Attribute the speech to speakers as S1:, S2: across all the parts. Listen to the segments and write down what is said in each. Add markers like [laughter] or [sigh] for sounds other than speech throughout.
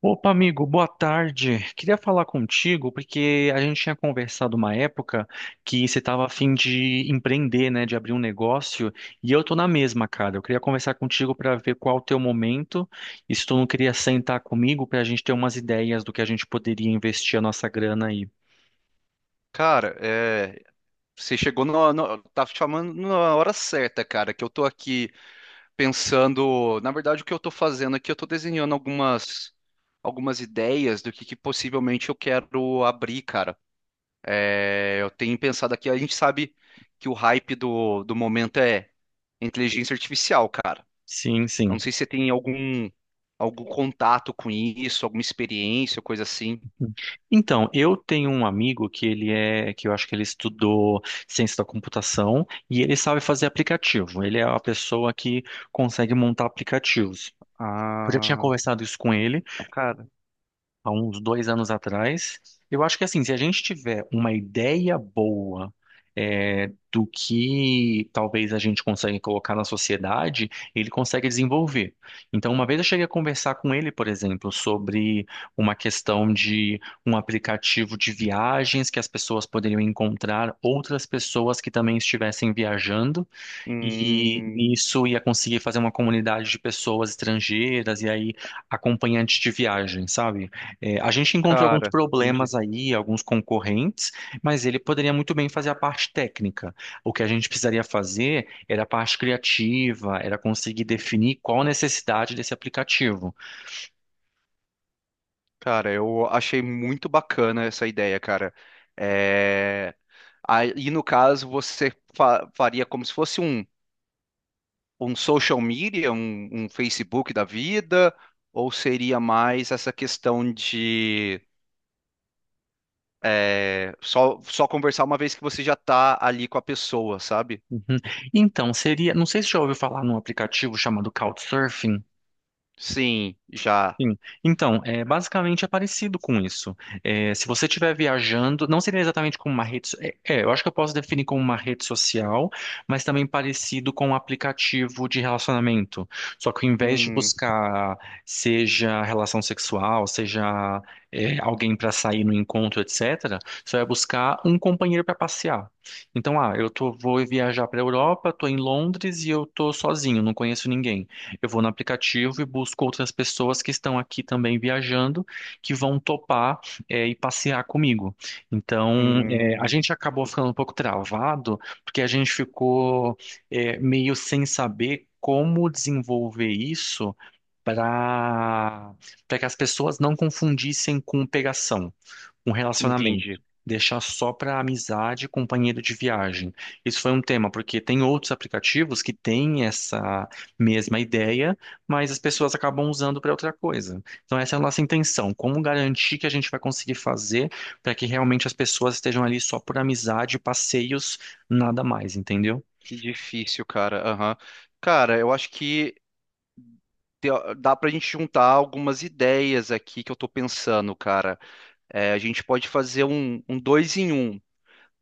S1: Opa, amigo, boa tarde. Queria falar contigo porque a gente tinha conversado uma época que você estava a fim de empreender, né, de abrir um negócio, e eu tô na mesma, cara. Eu queria conversar contigo para ver qual o teu momento e se tu não queria sentar comigo para a gente ter umas ideias do que a gente poderia investir a nossa grana aí.
S2: Cara, você chegou, tá chamando na hora certa, cara, que eu tô aqui pensando. Na verdade, o que eu tô fazendo aqui, eu tô desenhando algumas ideias do que possivelmente eu quero abrir, cara. Eu tenho pensado aqui, a gente sabe que o hype do momento é inteligência artificial, cara.
S1: Sim,
S2: Eu não
S1: sim.
S2: sei se você tem algum contato com isso, alguma experiência, coisa assim.
S1: Hum. Então, eu tenho um amigo que ele é, que eu acho que ele estudou ciência da computação e ele sabe fazer aplicativo. Ele é a pessoa que consegue montar aplicativos. Eu já tinha
S2: Ah,
S1: conversado isso com ele,
S2: cara.
S1: há uns dois anos atrás. Eu acho que assim, se a gente tiver uma ideia boa do que talvez a gente consegue colocar na sociedade, ele consegue desenvolver. Então, uma vez eu cheguei a conversar com ele, por exemplo, sobre uma questão de um aplicativo de viagens que as pessoas poderiam encontrar outras pessoas que também estivessem viajando e
S2: Hum.
S1: nisso ia conseguir fazer uma comunidade de pessoas estrangeiras e aí acompanhantes de viagem, sabe? É, a gente encontrou alguns
S2: Cara, entendi.
S1: problemas aí, alguns concorrentes, mas ele poderia muito bem fazer a parte técnica. O que a gente precisaria fazer era a parte criativa, era conseguir definir qual a necessidade desse aplicativo.
S2: Cara, eu achei muito bacana essa ideia, cara. É... Aí, no caso, você faria como se fosse um social media, um Facebook da vida, ou seria mais essa questão de só conversar uma vez que você já tá ali com a pessoa, sabe?
S1: Uhum. Então, seria, não sei se já ouviu falar num aplicativo chamado Couchsurfing.
S2: Sim, já.
S1: Sim. Então, é, basicamente é parecido com isso. É, se você estiver viajando, não seria exatamente como uma rede. É, é, eu acho que eu posso definir como uma rede social, mas também parecido com um aplicativo de relacionamento. Só que ao invés de
S2: Hum,
S1: buscar, seja relação sexual, seja, alguém para sair no encontro, etc., você vai buscar um companheiro para passear. Então, ah, eu tô, vou viajar para a Europa, estou em Londres e eu estou sozinho, não conheço ninguém. Eu vou no aplicativo e busco outras pessoas que estão aqui também viajando, que vão topar, e passear comigo. Então, é, a
S2: hum,
S1: gente acabou ficando um pouco travado, porque a gente ficou, é, meio sem saber como desenvolver isso para para que as pessoas não confundissem com pegação um relacionamento,
S2: entendi.
S1: deixar só para amizade e companheiro de viagem. Isso foi um tema, porque tem outros aplicativos que têm essa mesma ideia, mas as pessoas acabam usando para outra coisa. Então, essa é a nossa intenção, como garantir que a gente vai conseguir fazer para que realmente as pessoas estejam ali só por amizade, passeios, nada mais, entendeu?
S2: Que difícil, cara. Aham. Cara, eu acho que te- dá pra gente juntar algumas ideias aqui que eu tô pensando, cara. A gente pode fazer um, um dois em um.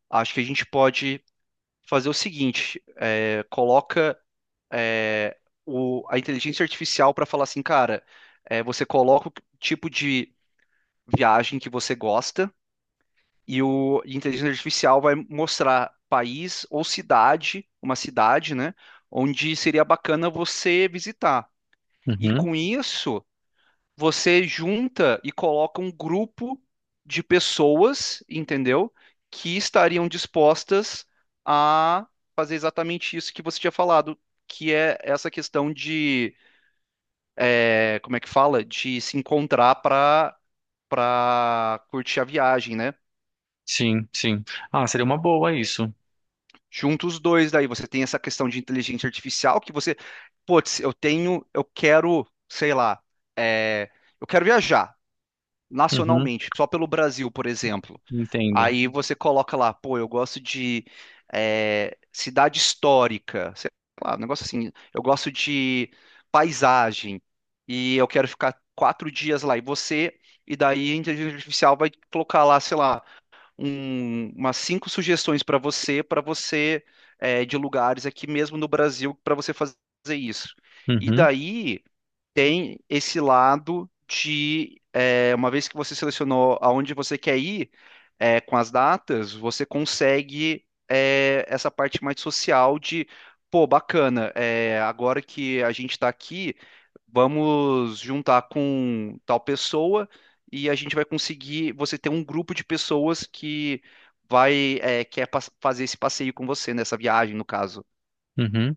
S2: Acho que a gente pode fazer o seguinte: é, a inteligência artificial pra falar assim, cara. Você coloca o tipo de viagem que você gosta, e o e a inteligência artificial vai mostrar país ou cidade, uma cidade, né, onde seria bacana você visitar. E
S1: Uhum.
S2: com isso você junta e coloca um grupo de pessoas, entendeu? Que estariam dispostas a fazer exatamente isso que você tinha falado, que é essa questão de, como é que fala? De se encontrar para curtir a viagem, né?
S1: Sim, sim. Ah, seria uma boa isso.
S2: Junta os dois, daí você tem essa questão de inteligência artificial que você, putz, eu tenho, eu quero, sei lá, é, eu quero viajar
S1: Uhum.
S2: nacionalmente, só pelo Brasil, por exemplo.
S1: Entendo.
S2: Aí você coloca lá, pô, eu gosto de cidade histórica, sei lá, um negócio assim. Eu gosto de paisagem e eu quero ficar 4 dias lá. E daí a inteligência artificial vai colocar lá, sei lá, umas cinco sugestões para você, de lugares aqui mesmo no Brasil para você fazer isso. E
S1: Uhum.
S2: daí tem esse lado de, uma vez que você selecionou aonde você quer ir, com as datas, você consegue, essa parte mais social de, pô, bacana. Agora que a gente está aqui, vamos juntar com tal pessoa, e a gente vai conseguir, você ter um grupo de pessoas que vai fazer esse passeio com você, nessa viagem, no caso.
S1: Uhum.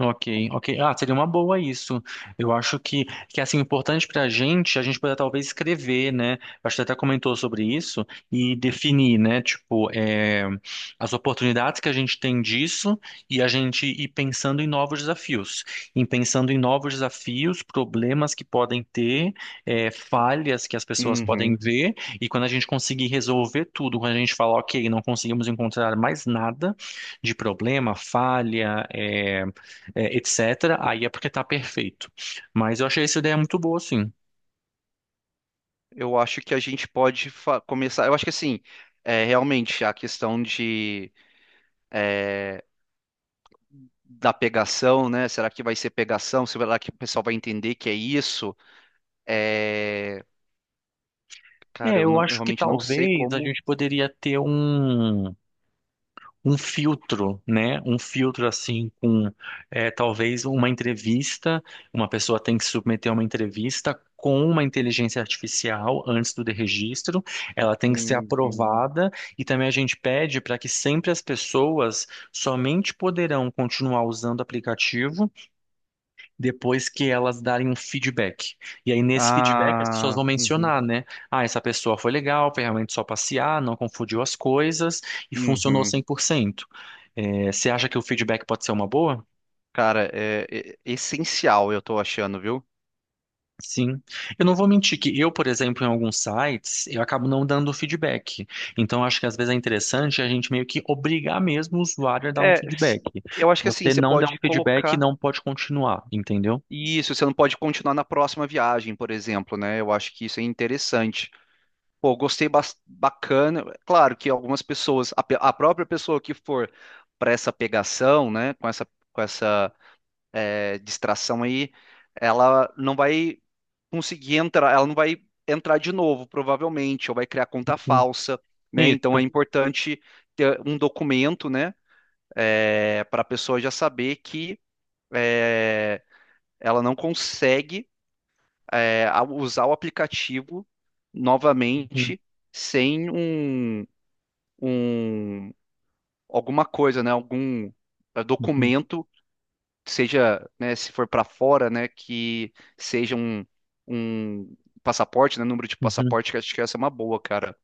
S1: Ok, ok. Ah, seria uma boa isso. Eu acho que é, assim, importante para a gente poder talvez escrever, né? Acho que você até comentou sobre isso e definir, né? Tipo, é, as oportunidades que a gente tem disso e a gente ir pensando em novos desafios. Em pensando em novos desafios, problemas que podem ter, falhas que as pessoas podem
S2: Uhum.
S1: ver. E quando a gente conseguir resolver tudo, quando a gente falar, ok, não conseguimos encontrar mais nada de problema, falha, etc., aí é porque tá perfeito. Mas eu achei essa ideia muito boa, sim.
S2: Eu acho que a gente pode começar. Eu acho que assim, realmente a questão de da pegação, né? Será que vai ser pegação? Será que o pessoal vai entender que é isso? É, Cara,
S1: É,
S2: eu,
S1: eu
S2: não- eu
S1: acho que
S2: realmente não sei
S1: talvez a
S2: como.
S1: gente poderia ter um filtro, né? Um filtro assim com talvez uma entrevista, uma pessoa tem que submeter uma entrevista com uma inteligência artificial antes do registro, ela tem que ser
S2: Uhum.
S1: aprovada e também a gente pede para que sempre as pessoas somente poderão continuar usando o aplicativo depois que elas darem um feedback. E aí, nesse feedback, as pessoas
S2: Ah,
S1: vão
S2: uhum,
S1: mencionar, né? Ah, essa pessoa foi legal, foi realmente só passear, não confundiu as coisas e funcionou
S2: uhum.
S1: 100%. É, você acha que o feedback pode ser uma boa?
S2: Cara, é essencial, eu tô achando, viu?
S1: Sim. Eu não vou mentir que eu, por exemplo, em alguns sites, eu acabo não dando feedback. Então, acho que às vezes é interessante a gente meio que obrigar mesmo o usuário a dar um
S2: É, s-
S1: feedback. Se
S2: eu acho que assim,
S1: você
S2: você
S1: não der um
S2: pode
S1: feedback,
S2: colocar
S1: não pode continuar, entendeu?
S2: isso, você não pode continuar na próxima viagem, por exemplo, né? Eu acho que isso é interessante. Pô, gostei, bacana. Claro que algumas pessoas, a própria pessoa que for para essa pegação, né, com essa, distração aí, ela não vai conseguir entrar, ela não vai entrar de novo, provavelmente, ou vai criar conta
S1: Uhum.
S2: falsa, né? Então é
S1: Isso.
S2: importante ter um documento, né, para a pessoa já saber que, eh, ela não consegue, usar o aplicativo
S1: Uhum,
S2: novamente sem um alguma coisa, né, algum
S1: uhum,
S2: documento, seja, né, se for para fora, né, que seja um passaporte, né, número de
S1: uhum.
S2: passaporte, que acho que essa é uma boa, cara.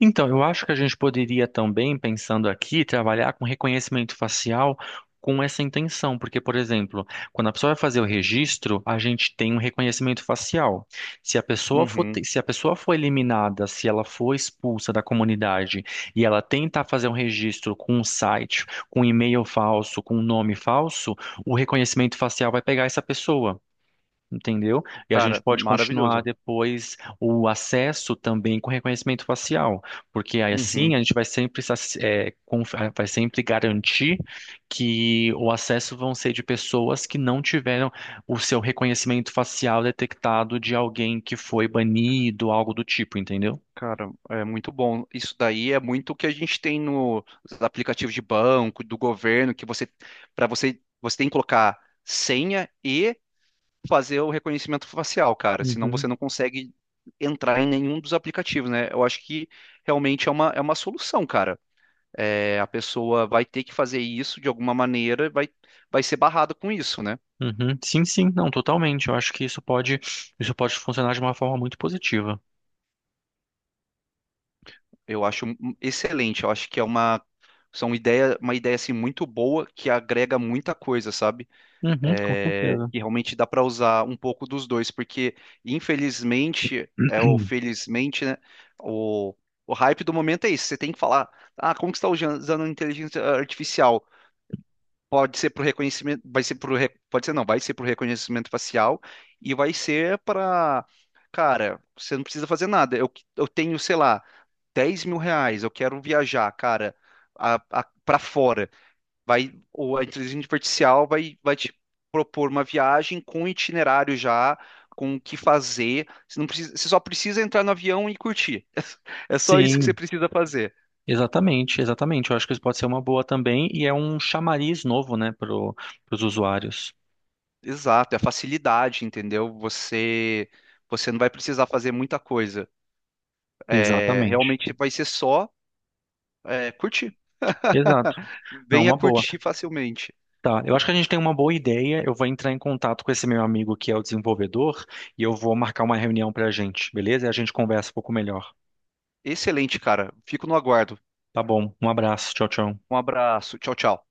S1: Então, eu acho que a gente poderia também, pensando aqui, trabalhar com reconhecimento facial com essa intenção, porque, por exemplo, quando a pessoa vai fazer o registro, a gente tem um reconhecimento facial. Se a pessoa
S2: Uhum,
S1: se a pessoa for eliminada, se ela for expulsa da comunidade e ela tentar fazer um registro com um site, com um e-mail falso, com um nome falso, o reconhecimento facial vai pegar essa pessoa. Entendeu? E a gente
S2: cara,
S1: pode continuar
S2: maravilhoso.
S1: depois o acesso também com reconhecimento facial, porque aí assim a
S2: Uhum,
S1: gente vai sempre vai sempre garantir que o acesso vão ser de pessoas que não tiveram o seu reconhecimento facial detectado de alguém que foi banido, algo do tipo, entendeu?
S2: cara, é muito bom. Isso daí é muito o que a gente tem nos aplicativos de banco, do governo, que você, para você, você tem que colocar senha e fazer o reconhecimento facial, cara. Senão
S1: Uhum.
S2: você não consegue entrar em nenhum dos aplicativos, né? Eu acho que realmente uma solução, cara. A pessoa vai ter que fazer isso de alguma maneira, vai ser barrada com isso, né?
S1: Uhum. Sim, sim, não, totalmente. Eu acho que isso isso pode funcionar de uma forma muito positiva.
S2: Eu acho um excelente. Eu acho que é uma ideia assim muito boa, que agrega muita coisa, sabe?
S1: Uhum, com certeza.
S2: E realmente dá para usar um pouco dos dois, porque infelizmente, ou
S1: [clears throat]
S2: felizmente, né, o, o hype do momento é isso. Você tem que falar: ah, como que você está usando inteligência artificial? Pode ser para o reconhecimento, vai ser pro, pode ser não, vai ser para o reconhecimento facial, e vai ser para... Cara, você não precisa fazer nada. Eu tenho, sei lá, R$ 10.000, eu quero viajar, cara, para fora, vai, ou a inteligência artificial vai, vai te propor uma viagem com um itinerário já, com o que fazer. Você não precisa, você só precisa entrar no avião e curtir. [laughs] É só isso que você
S1: Sim.
S2: precisa fazer.
S1: Exatamente, exatamente. Eu acho que isso pode ser uma boa também e é um chamariz novo, né, para os usuários.
S2: Exato, é a facilidade, entendeu? Você não vai precisar fazer muita coisa.
S1: Exatamente.
S2: Realmente vai ser só, curtir.
S1: Exato.
S2: [laughs]
S1: Não,
S2: Venha
S1: uma boa.
S2: curtir facilmente.
S1: Tá, eu acho que a gente tem uma boa ideia. Eu vou entrar em contato com esse meu amigo que é o desenvolvedor e eu vou marcar uma reunião para a gente, beleza? E a gente conversa um pouco melhor.
S2: Excelente, cara. Fico no aguardo.
S1: Tá bom, um abraço. Tchau, tchau.
S2: Um abraço. Tchau, tchau.